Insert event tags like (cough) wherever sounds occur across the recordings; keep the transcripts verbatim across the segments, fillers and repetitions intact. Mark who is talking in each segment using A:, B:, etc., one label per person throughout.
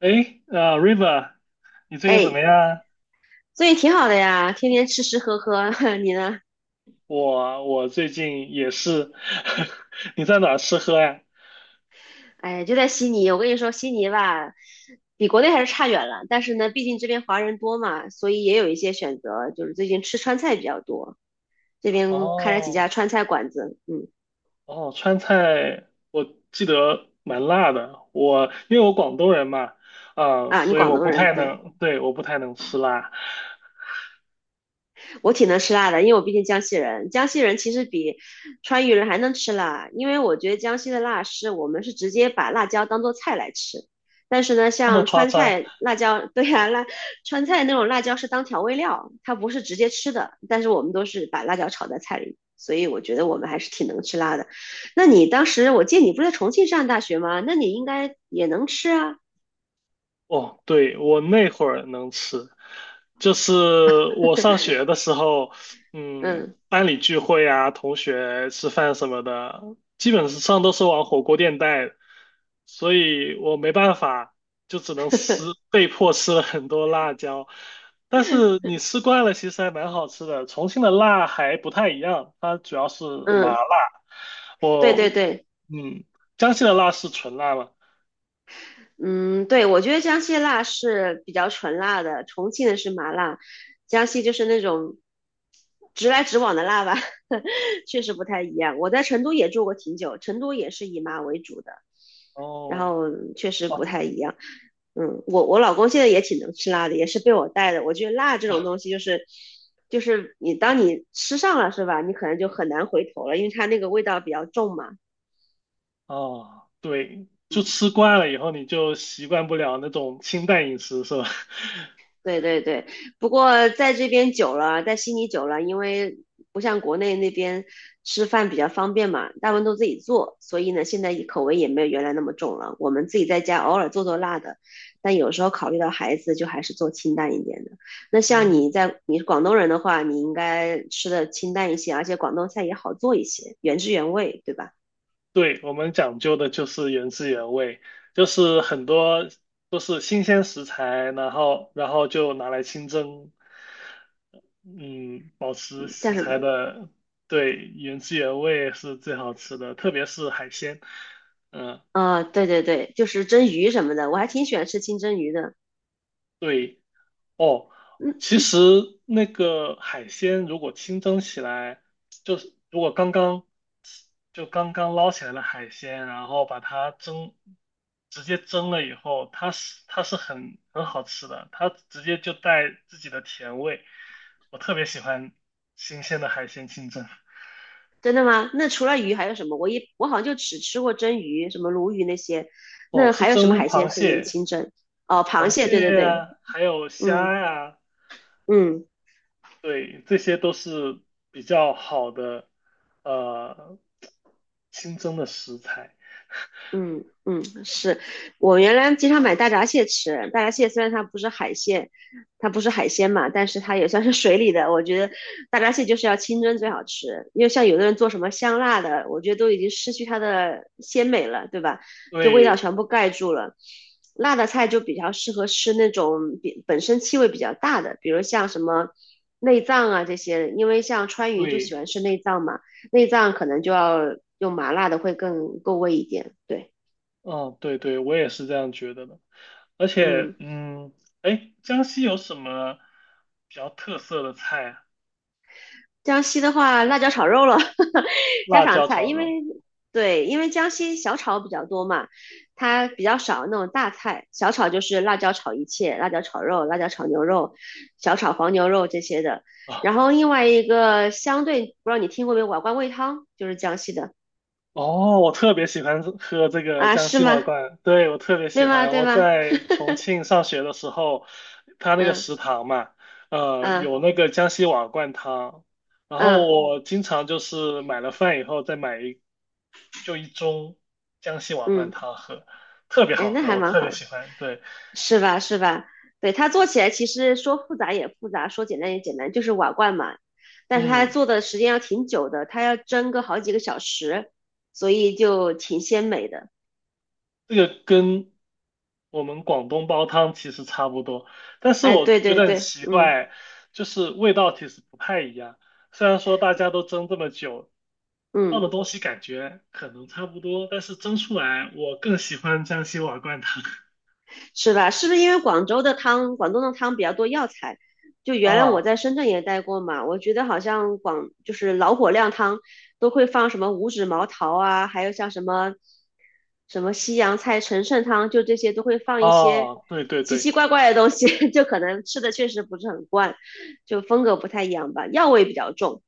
A: 诶，呃，River，你最近怎么
B: 哎，
A: 样啊？
B: 所以挺好的呀，天天吃吃喝喝。(laughs) 你呢？
A: 我我最近也是，(laughs) 你在哪儿吃喝呀？
B: 哎，就在悉尼，我跟你说，悉尼吧，比国内还是差远了。但是呢，毕竟这边华人多嘛，所以也有一些选择，就是最近吃川菜比较多。这边开了几
A: 哦
B: 家川菜馆子，嗯。
A: 哦，川菜我记得蛮辣的，我因为我广东人嘛，啊、
B: 啊，你
A: 所以
B: 广
A: 我
B: 东
A: 不
B: 人，
A: 太
B: 对。
A: 能，对，我不太能吃辣，
B: 我挺能吃辣的，因为我毕竟江西人。江西人其实比川渝人还能吃辣，因为我觉得江西的辣是我们是直接把辣椒当做菜来吃，但是呢，
A: 那么
B: 像
A: 夸
B: 川
A: 张。
B: 菜辣椒，对呀、辣川菜那种辣椒是当调味料，它不是直接吃的，但是我们都是把辣椒炒在菜里，所以我觉得我们还是挺能吃辣的。那你当时我记得你不是在重庆上大学吗？那你应该也能吃啊。
A: 哦，对，我那会儿能吃，就是我上学的时候，嗯，
B: 嗯。
A: 班里聚会啊，同学吃饭什么的，基本上都是往火锅店带，所以我没办法，就只能吃，
B: (laughs)
A: 被迫吃了很多辣椒。但是你吃惯了，其实还蛮好吃的。重庆的辣还不太一样，它主要是麻
B: 嗯，
A: 辣。
B: 对对
A: 我，
B: 对。
A: 嗯，江西的辣是纯辣嘛？
B: 嗯，对，我觉得江西辣是比较纯辣的，重庆的是麻辣，江西就是那种直来直往的辣吧。(laughs) 确实不太一样。我在成都也住过挺久，成都也是以麻为主的，然
A: 哦。
B: 后确实不太一样。嗯，我我老公现在也挺能吃辣的，也是被我带的。我觉得辣这种东西就是，就是你当你吃上了是吧，你可能就很难回头了，因为它那个味道比较重嘛。
A: 哦，对，就吃惯了以后，你就习惯不了那种清淡饮食，是吧？
B: 对对对，不过在这边久了，在悉尼久了，因为不像国内那边吃饭比较方便嘛，大部分都自己做，所以呢，现在口味也没有原来那么重了。我们自己在家偶尔做做辣的，但有时候考虑到孩子，就还是做清淡一点的。那
A: (laughs)
B: 像
A: 嗯，
B: 你在你是广东人的话，你应该吃的清淡一些，而且广东菜也好做一些，原汁原味，对吧？
A: 对，我们讲究的就是原汁原味，就是很多都是新鲜食材，然后然后就拿来清蒸，嗯，保持
B: 叫
A: 食
B: 什么？
A: 材的，对，原汁原味是最好吃的，特别是海鲜，嗯，
B: 啊、对对对，就是蒸鱼什么的，我还挺喜欢吃清蒸鱼的。
A: 对。哦，
B: 嗯。
A: 其实那个海鲜如果清蒸起来，就是如果刚刚就刚刚捞起来的海鲜，然后把它蒸，直接蒸了以后，它是它是很很好吃的，它直接就带自己的甜味。我特别喜欢新鲜的海鲜清蒸。
B: 真的吗？那除了鱼还有什么？我一我好像就只吃过蒸鱼，什么鲈鱼那些。
A: 哦，
B: 那
A: 是
B: 还有什么
A: 蒸
B: 海
A: 螃
B: 鲜可以
A: 蟹、
B: 清蒸？哦，螃
A: 螃
B: 蟹，对
A: 蟹
B: 对对。
A: 呀、还有
B: 嗯
A: 虾呀、
B: 嗯。
A: 对，这些都是比较好的，呃，新增的食材。
B: 嗯嗯，是我原来经常买大闸蟹吃。大闸蟹虽然它不是海鲜，它不是海鲜嘛，但是它也算是水里的。我觉得大闸蟹就是要清蒸最好吃，因为像有的人做什么香辣的，我觉得都已经失去它的鲜美了，对吧？就味道
A: 对，
B: 全部盖住了。辣的菜就比较适合吃那种比本身气味比较大的，比如像什么内脏啊这些，因为像川渝就喜
A: 对，
B: 欢吃内脏嘛，内脏可能就要用麻辣的会更够味一点，对。
A: 嗯，对对，我也是这样觉得的。而且，
B: 嗯，
A: 嗯，哎，江西有什么比较特色的菜啊？
B: 江西的话，辣椒炒肉了。(laughs) 家
A: 辣
B: 常
A: 椒
B: 菜。
A: 炒
B: 因为
A: 肉。
B: 对，因为江西小炒比较多嘛，它比较少那种大菜。小炒就是辣椒炒一切，辣椒炒肉、辣椒炒牛肉、小炒黄牛肉这些的。
A: (laughs)
B: 然后另外一个相对，不知道你听过没有，瓦罐煨汤就是江西的。
A: 哦，我特别喜欢喝这个
B: 啊，
A: 江
B: 是
A: 西瓦
B: 吗？
A: 罐，对，我特别
B: 对
A: 喜
B: 吗？
A: 欢。
B: 对
A: 我
B: 吗？
A: 在重庆上学的时候，他那个
B: 嗯
A: 食堂嘛，呃，
B: 嗯
A: 有那个江西瓦罐汤，然后
B: 嗯
A: 我经常就是买了饭以后再买一就一盅江西瓦罐
B: 嗯。
A: 汤喝，特别
B: 哎，
A: 好
B: 那
A: 喝，
B: 还
A: 我
B: 蛮
A: 特别
B: 好的。
A: 喜欢。对，
B: 是吧？是吧？对，它做起来其实说复杂也复杂，说简单也简单，就是瓦罐嘛。但是它
A: 嗯。
B: 做的时间要挺久的，它要蒸个好几个小时，所以就挺鲜美的。
A: 这个跟我们广东煲汤其实差不多，但是
B: 哎，
A: 我
B: 对
A: 觉
B: 对
A: 得很
B: 对，
A: 奇
B: 嗯
A: 怪，就是味道其实不太一样。虽然说大家都蒸这么久，放
B: 嗯。
A: 的东西感觉可能差不多，但是蒸出来我更喜欢江西瓦罐汤。(laughs)
B: 是吧？是不是因为广州的汤，广东的汤比较多药材？就原来我
A: 啊
B: 在深圳也待过嘛，我觉得好像广就是老火靓汤都会放什么五指毛桃啊，还有像什么什么西洋菜陈肾汤，就这些都会放一些
A: 哦，对对
B: 奇
A: 对。
B: 奇怪怪的东西。(laughs) 就可能吃的确实不是很惯，就风格不太一样吧，药味比较重，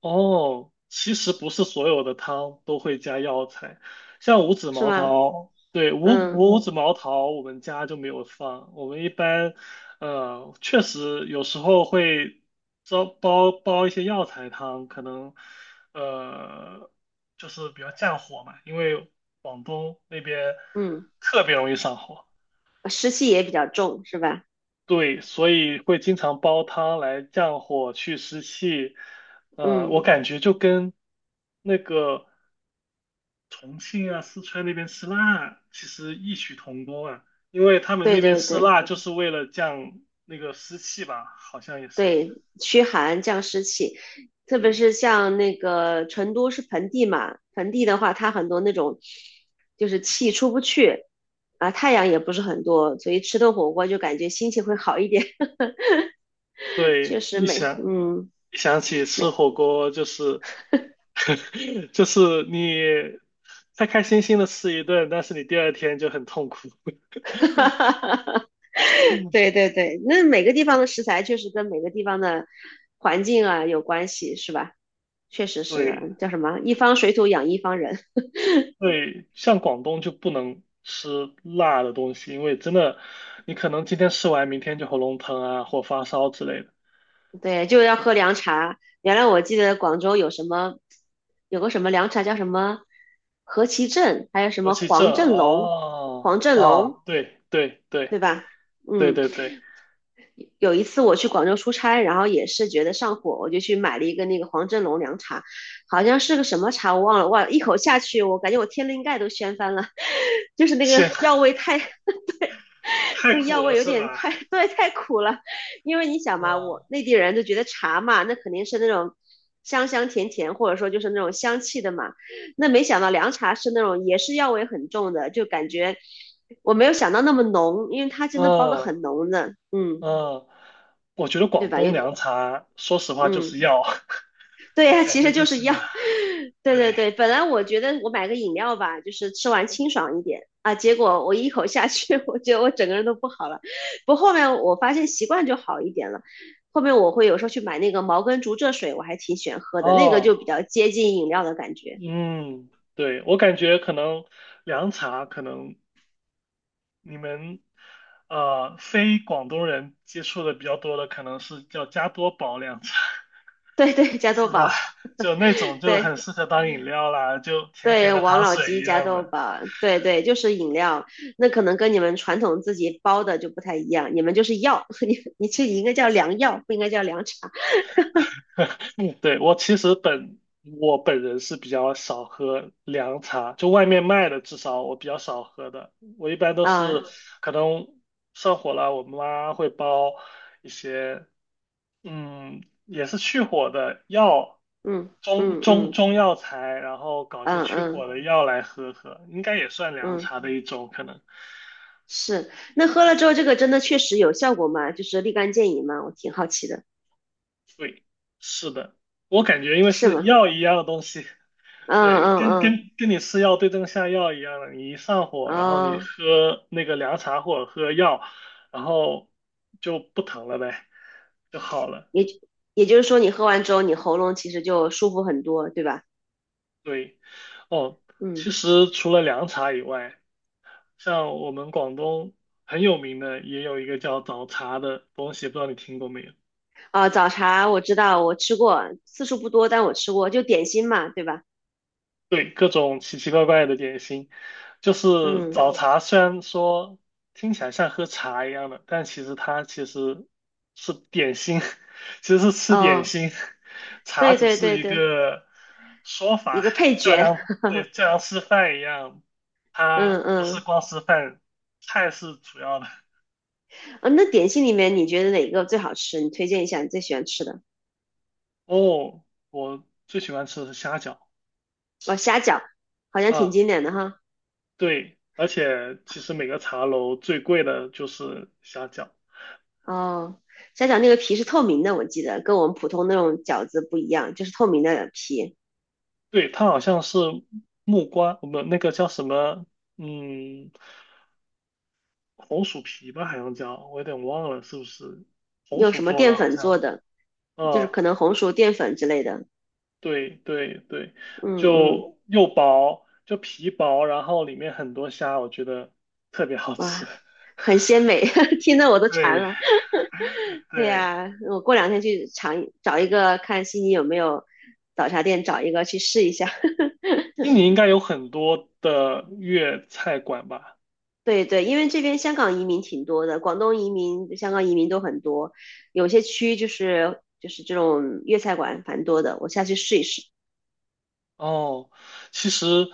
A: 哦，其实不是所有的汤都会加药材，像五指
B: 是
A: 毛
B: 吗？
A: 桃，对，五
B: 嗯
A: 五五指毛桃我们家就没有放，我们一般，呃，确实有时候会煲煲煲一些药材汤，可能，呃，就是比较降火嘛，因为广东那边
B: 嗯，
A: 特别容易上火。
B: 湿气也比较重，是吧？
A: 对，所以会经常煲汤来降火去湿气。呃，
B: 嗯，
A: 我感觉就跟那个重庆啊、四川那边吃辣其实异曲同工啊，因为他们
B: 对
A: 那边
B: 对
A: 吃
B: 对。
A: 辣就是为了降那个湿气吧，好像也是。
B: 对，驱寒降湿气，特别
A: 对
B: 是像那个成都是盆地嘛，盆地的话，它很多那种就是气出不去啊，太阳也不是很多，所以吃顿火锅就感觉心情会好一点。(laughs) 确
A: 对，
B: 实
A: 一
B: 美，
A: 想
B: 嗯，
A: 一想起吃
B: 每，
A: 火锅，就是 (laughs) 就是你开开心心的吃一顿，但是你第二天就很痛苦。
B: (laughs)
A: (laughs) 嗯，
B: 对对对，那每个地方的食材确实跟每个地方的环境啊有关系，是吧？确实是的，
A: 对。
B: 叫什么？一方水土养一方人。
A: 对，像广东就不能吃辣的东西，因为真的，你可能今天吃完，明天就喉咙疼啊，或发烧之类的。
B: 对，就要喝凉茶。原来我记得广州有什么，有个什么凉茶叫什么何其正，还有什
A: 而
B: 么
A: 气症，
B: 黄振龙，黄
A: 哦，
B: 振龙，
A: 啊，对对
B: 对
A: 对
B: 吧？
A: 对
B: 嗯，
A: 对对，
B: 有一次我去广州出差，然后也是觉得上火，我就去买了一个那个黄振龙凉茶，好像是个什么茶我忘了，哇，一口下去，我感觉我天灵盖都掀翻了。(laughs) 就是那个
A: 咸
B: 药味太
A: (laughs)
B: (laughs)
A: 太
B: 那个
A: 苦
B: 药
A: 了
B: 味有
A: 是
B: 点
A: 吧？
B: 太，对，太苦了。因为你想嘛，
A: 嗯
B: 我内地人都觉得茶嘛，那肯定是那种香香甜甜，或者说就是那种香气的嘛。那没想到凉茶是那种也是药味很重的，就感觉我没有想到那么浓，因为它真的包的
A: 嗯
B: 很浓的，嗯，
A: 嗯，我觉得
B: 对
A: 广
B: 吧？
A: 东
B: 有点，
A: 凉茶，说实话就
B: 嗯。
A: 是药，
B: (laughs)
A: (laughs)
B: 对
A: 我
B: 呀，
A: 感
B: 其
A: 觉
B: 实
A: 就
B: 就是
A: 是
B: 药。
A: 药。
B: (laughs) 对
A: 对，
B: 对对，本来我觉得我买个饮料吧，就是吃完清爽一点啊，结果我一口下去。(laughs) 我觉得我整个人都不好了。不过后面我发现习惯就好一点了。后面我会有时候去买那个茅根竹蔗水，我还挺喜欢喝的，那个就比
A: 哦，
B: 较接近饮料的感觉。
A: 嗯，对，我感觉可能凉茶可能你们呃非广东人接触的比较多的，可能是叫加多宝凉茶，
B: 对 (laughs) 对，加多
A: 是吧？
B: 宝，
A: (laughs) 就那种就很
B: 对
A: 适合当饮料啦，就甜甜
B: 对，
A: 的
B: 王
A: 糖
B: 老
A: 水
B: 吉
A: 一
B: 加
A: 样
B: 多
A: 的。
B: 宝，对对，就是饮料。那可能跟你们传统自己包的就不太一样，你们就是药。(laughs) 你你这应该叫凉药，不应该叫凉茶
A: 嗯对，我其实本我本人是比较少喝凉茶，就外面卖的至少我比较少喝的，我一般都是
B: 啊、
A: 可能上火了，我妈会煲一些嗯，也是去火的药，
B: 嗯
A: 中
B: 嗯
A: 中
B: 嗯
A: 中药材，然后搞些
B: 嗯
A: 去火
B: 嗯
A: 的药来喝喝，应该也算凉
B: 嗯，
A: 茶的一种可能。
B: 是。那喝了之后，这个真的确实有效果吗？就是立竿见影吗？我挺好奇的，
A: 对，是的，我感觉因为
B: 是
A: 是
B: 吗？
A: 药一样的东西，对，
B: 嗯
A: 跟
B: 嗯
A: 跟跟你吃药对症下药一样的，你一上火，
B: 嗯，
A: 然后你
B: 哦，
A: 喝那个凉茶或者喝药，然后就不疼了呗，就好了。
B: 也也就是说，你喝完之后，你喉咙其实就舒服很多，对吧？
A: 对，哦，
B: 嗯，
A: 其实除了凉茶以外。像我们广东很有名的，也有一个叫早茶的东西，不知道你听过没有？
B: 啊，早茶我知道，我吃过，次数不多，但我吃过，就点心嘛，对吧？
A: 对，各种奇奇怪怪的点心，就是
B: 嗯，
A: 早茶。虽然说听起来像喝茶一样的，但其实它其实是点心，(laughs) 其实是吃点
B: 哦，
A: 心，茶
B: 对
A: 只
B: 对
A: 是
B: 对
A: 一
B: 对，
A: 个说
B: 一
A: 法，
B: 个配
A: 就好
B: 角。
A: 像
B: (laughs)
A: 对，就好像吃饭一样，它
B: 嗯
A: 不是
B: 嗯，
A: 光吃饭，菜是主要的。
B: 啊，那点心里面你觉得哪个最好吃？你推荐一下你最喜欢吃的。
A: 哦，我最喜欢吃的是虾饺
B: 哦，虾饺好像挺
A: 啊。
B: 经典的哈。
A: 对，而且其实每个茶楼最贵的就是虾饺，
B: 哦，虾饺那个皮是透明的，我记得跟我们普通那种饺子不一样，就是透明的皮，
A: 对，它好像是木瓜，我们那个叫什么，嗯，红薯皮吧，好像叫，我有点忘了是不是红
B: 用
A: 薯
B: 什么
A: 做
B: 淀
A: 的，好
B: 粉做
A: 像，
B: 的，就是
A: 嗯，
B: 可能红薯淀粉之类的。
A: 对对对，
B: 嗯嗯，
A: 就又薄，就皮薄，然后里面很多虾，我觉得特别好吃。
B: 哇，
A: (laughs)
B: 很鲜美。(laughs) 听得我都馋
A: 对
B: 了。对
A: 对，
B: 呀、我过两天去尝一，找一个看悉尼有没有早茶店，找一个去试一下。
A: 悉尼应该有很多的粤菜馆吧？
B: 对对，因为这边香港移民挺多的，广东移民、香港移民都很多，有些区就是就是这种粤菜馆蛮多的，我下去试一试，
A: 哦，其实，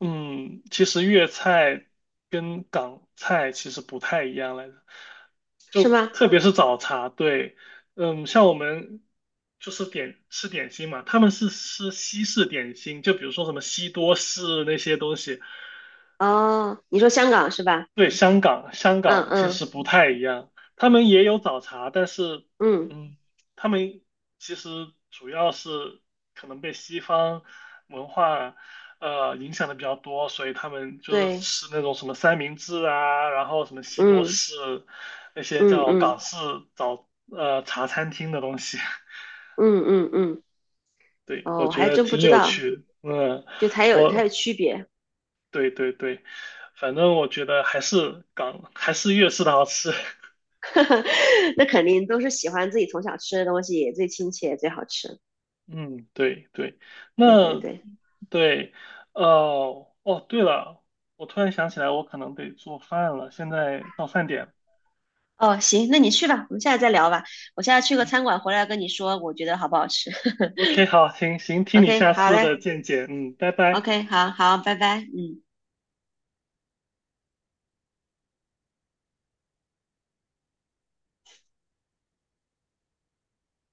A: 嗯，其实粤菜跟港菜其实不太一样来着，就
B: 是吗？
A: 特别是早茶，对，嗯，像我们就是点吃点心嘛，他们是吃西式点心，就比如说什么西多士那些东西，
B: 哦，你说香港是吧？
A: 对，香港，香
B: 嗯
A: 港其实
B: 嗯
A: 不太一样，他们也有早茶，但是，
B: 嗯，
A: 嗯，他们其实主要是可能被西方文化呃影响的比较多，所以他们就是
B: 对，
A: 吃那种什么三明治啊，然后什么西多
B: 嗯
A: 士，那些
B: 嗯
A: 叫港
B: 嗯
A: 式早呃茶餐厅的东西。
B: 嗯嗯嗯，
A: (laughs) 对，我
B: 哦，我
A: 觉
B: 还
A: 得
B: 真不
A: 挺
B: 知
A: 有
B: 道，
A: 趣的。嗯，
B: 就才有才有
A: 我
B: 区别。
A: 对对对，反正我觉得还是港还是粤式的好吃。(laughs)
B: (laughs) 那肯定都是喜欢自己从小吃的东西最亲切最好吃，
A: 嗯，对对，
B: 对对
A: 那
B: 对。
A: 对，呃，哦，对了，我突然想起来，我可能得做饭了，现在到饭点了。
B: 哦，行，那你去吧，我们下次再聊吧。我现在去个
A: 嗯
B: 餐馆回来跟你说，我觉得好不好吃。(laughs)
A: ，O K，好，行行，听你
B: OK，
A: 下
B: 好
A: 次
B: 嘞
A: 的见解，嗯，拜拜。
B: ，OK，好好，拜拜，嗯。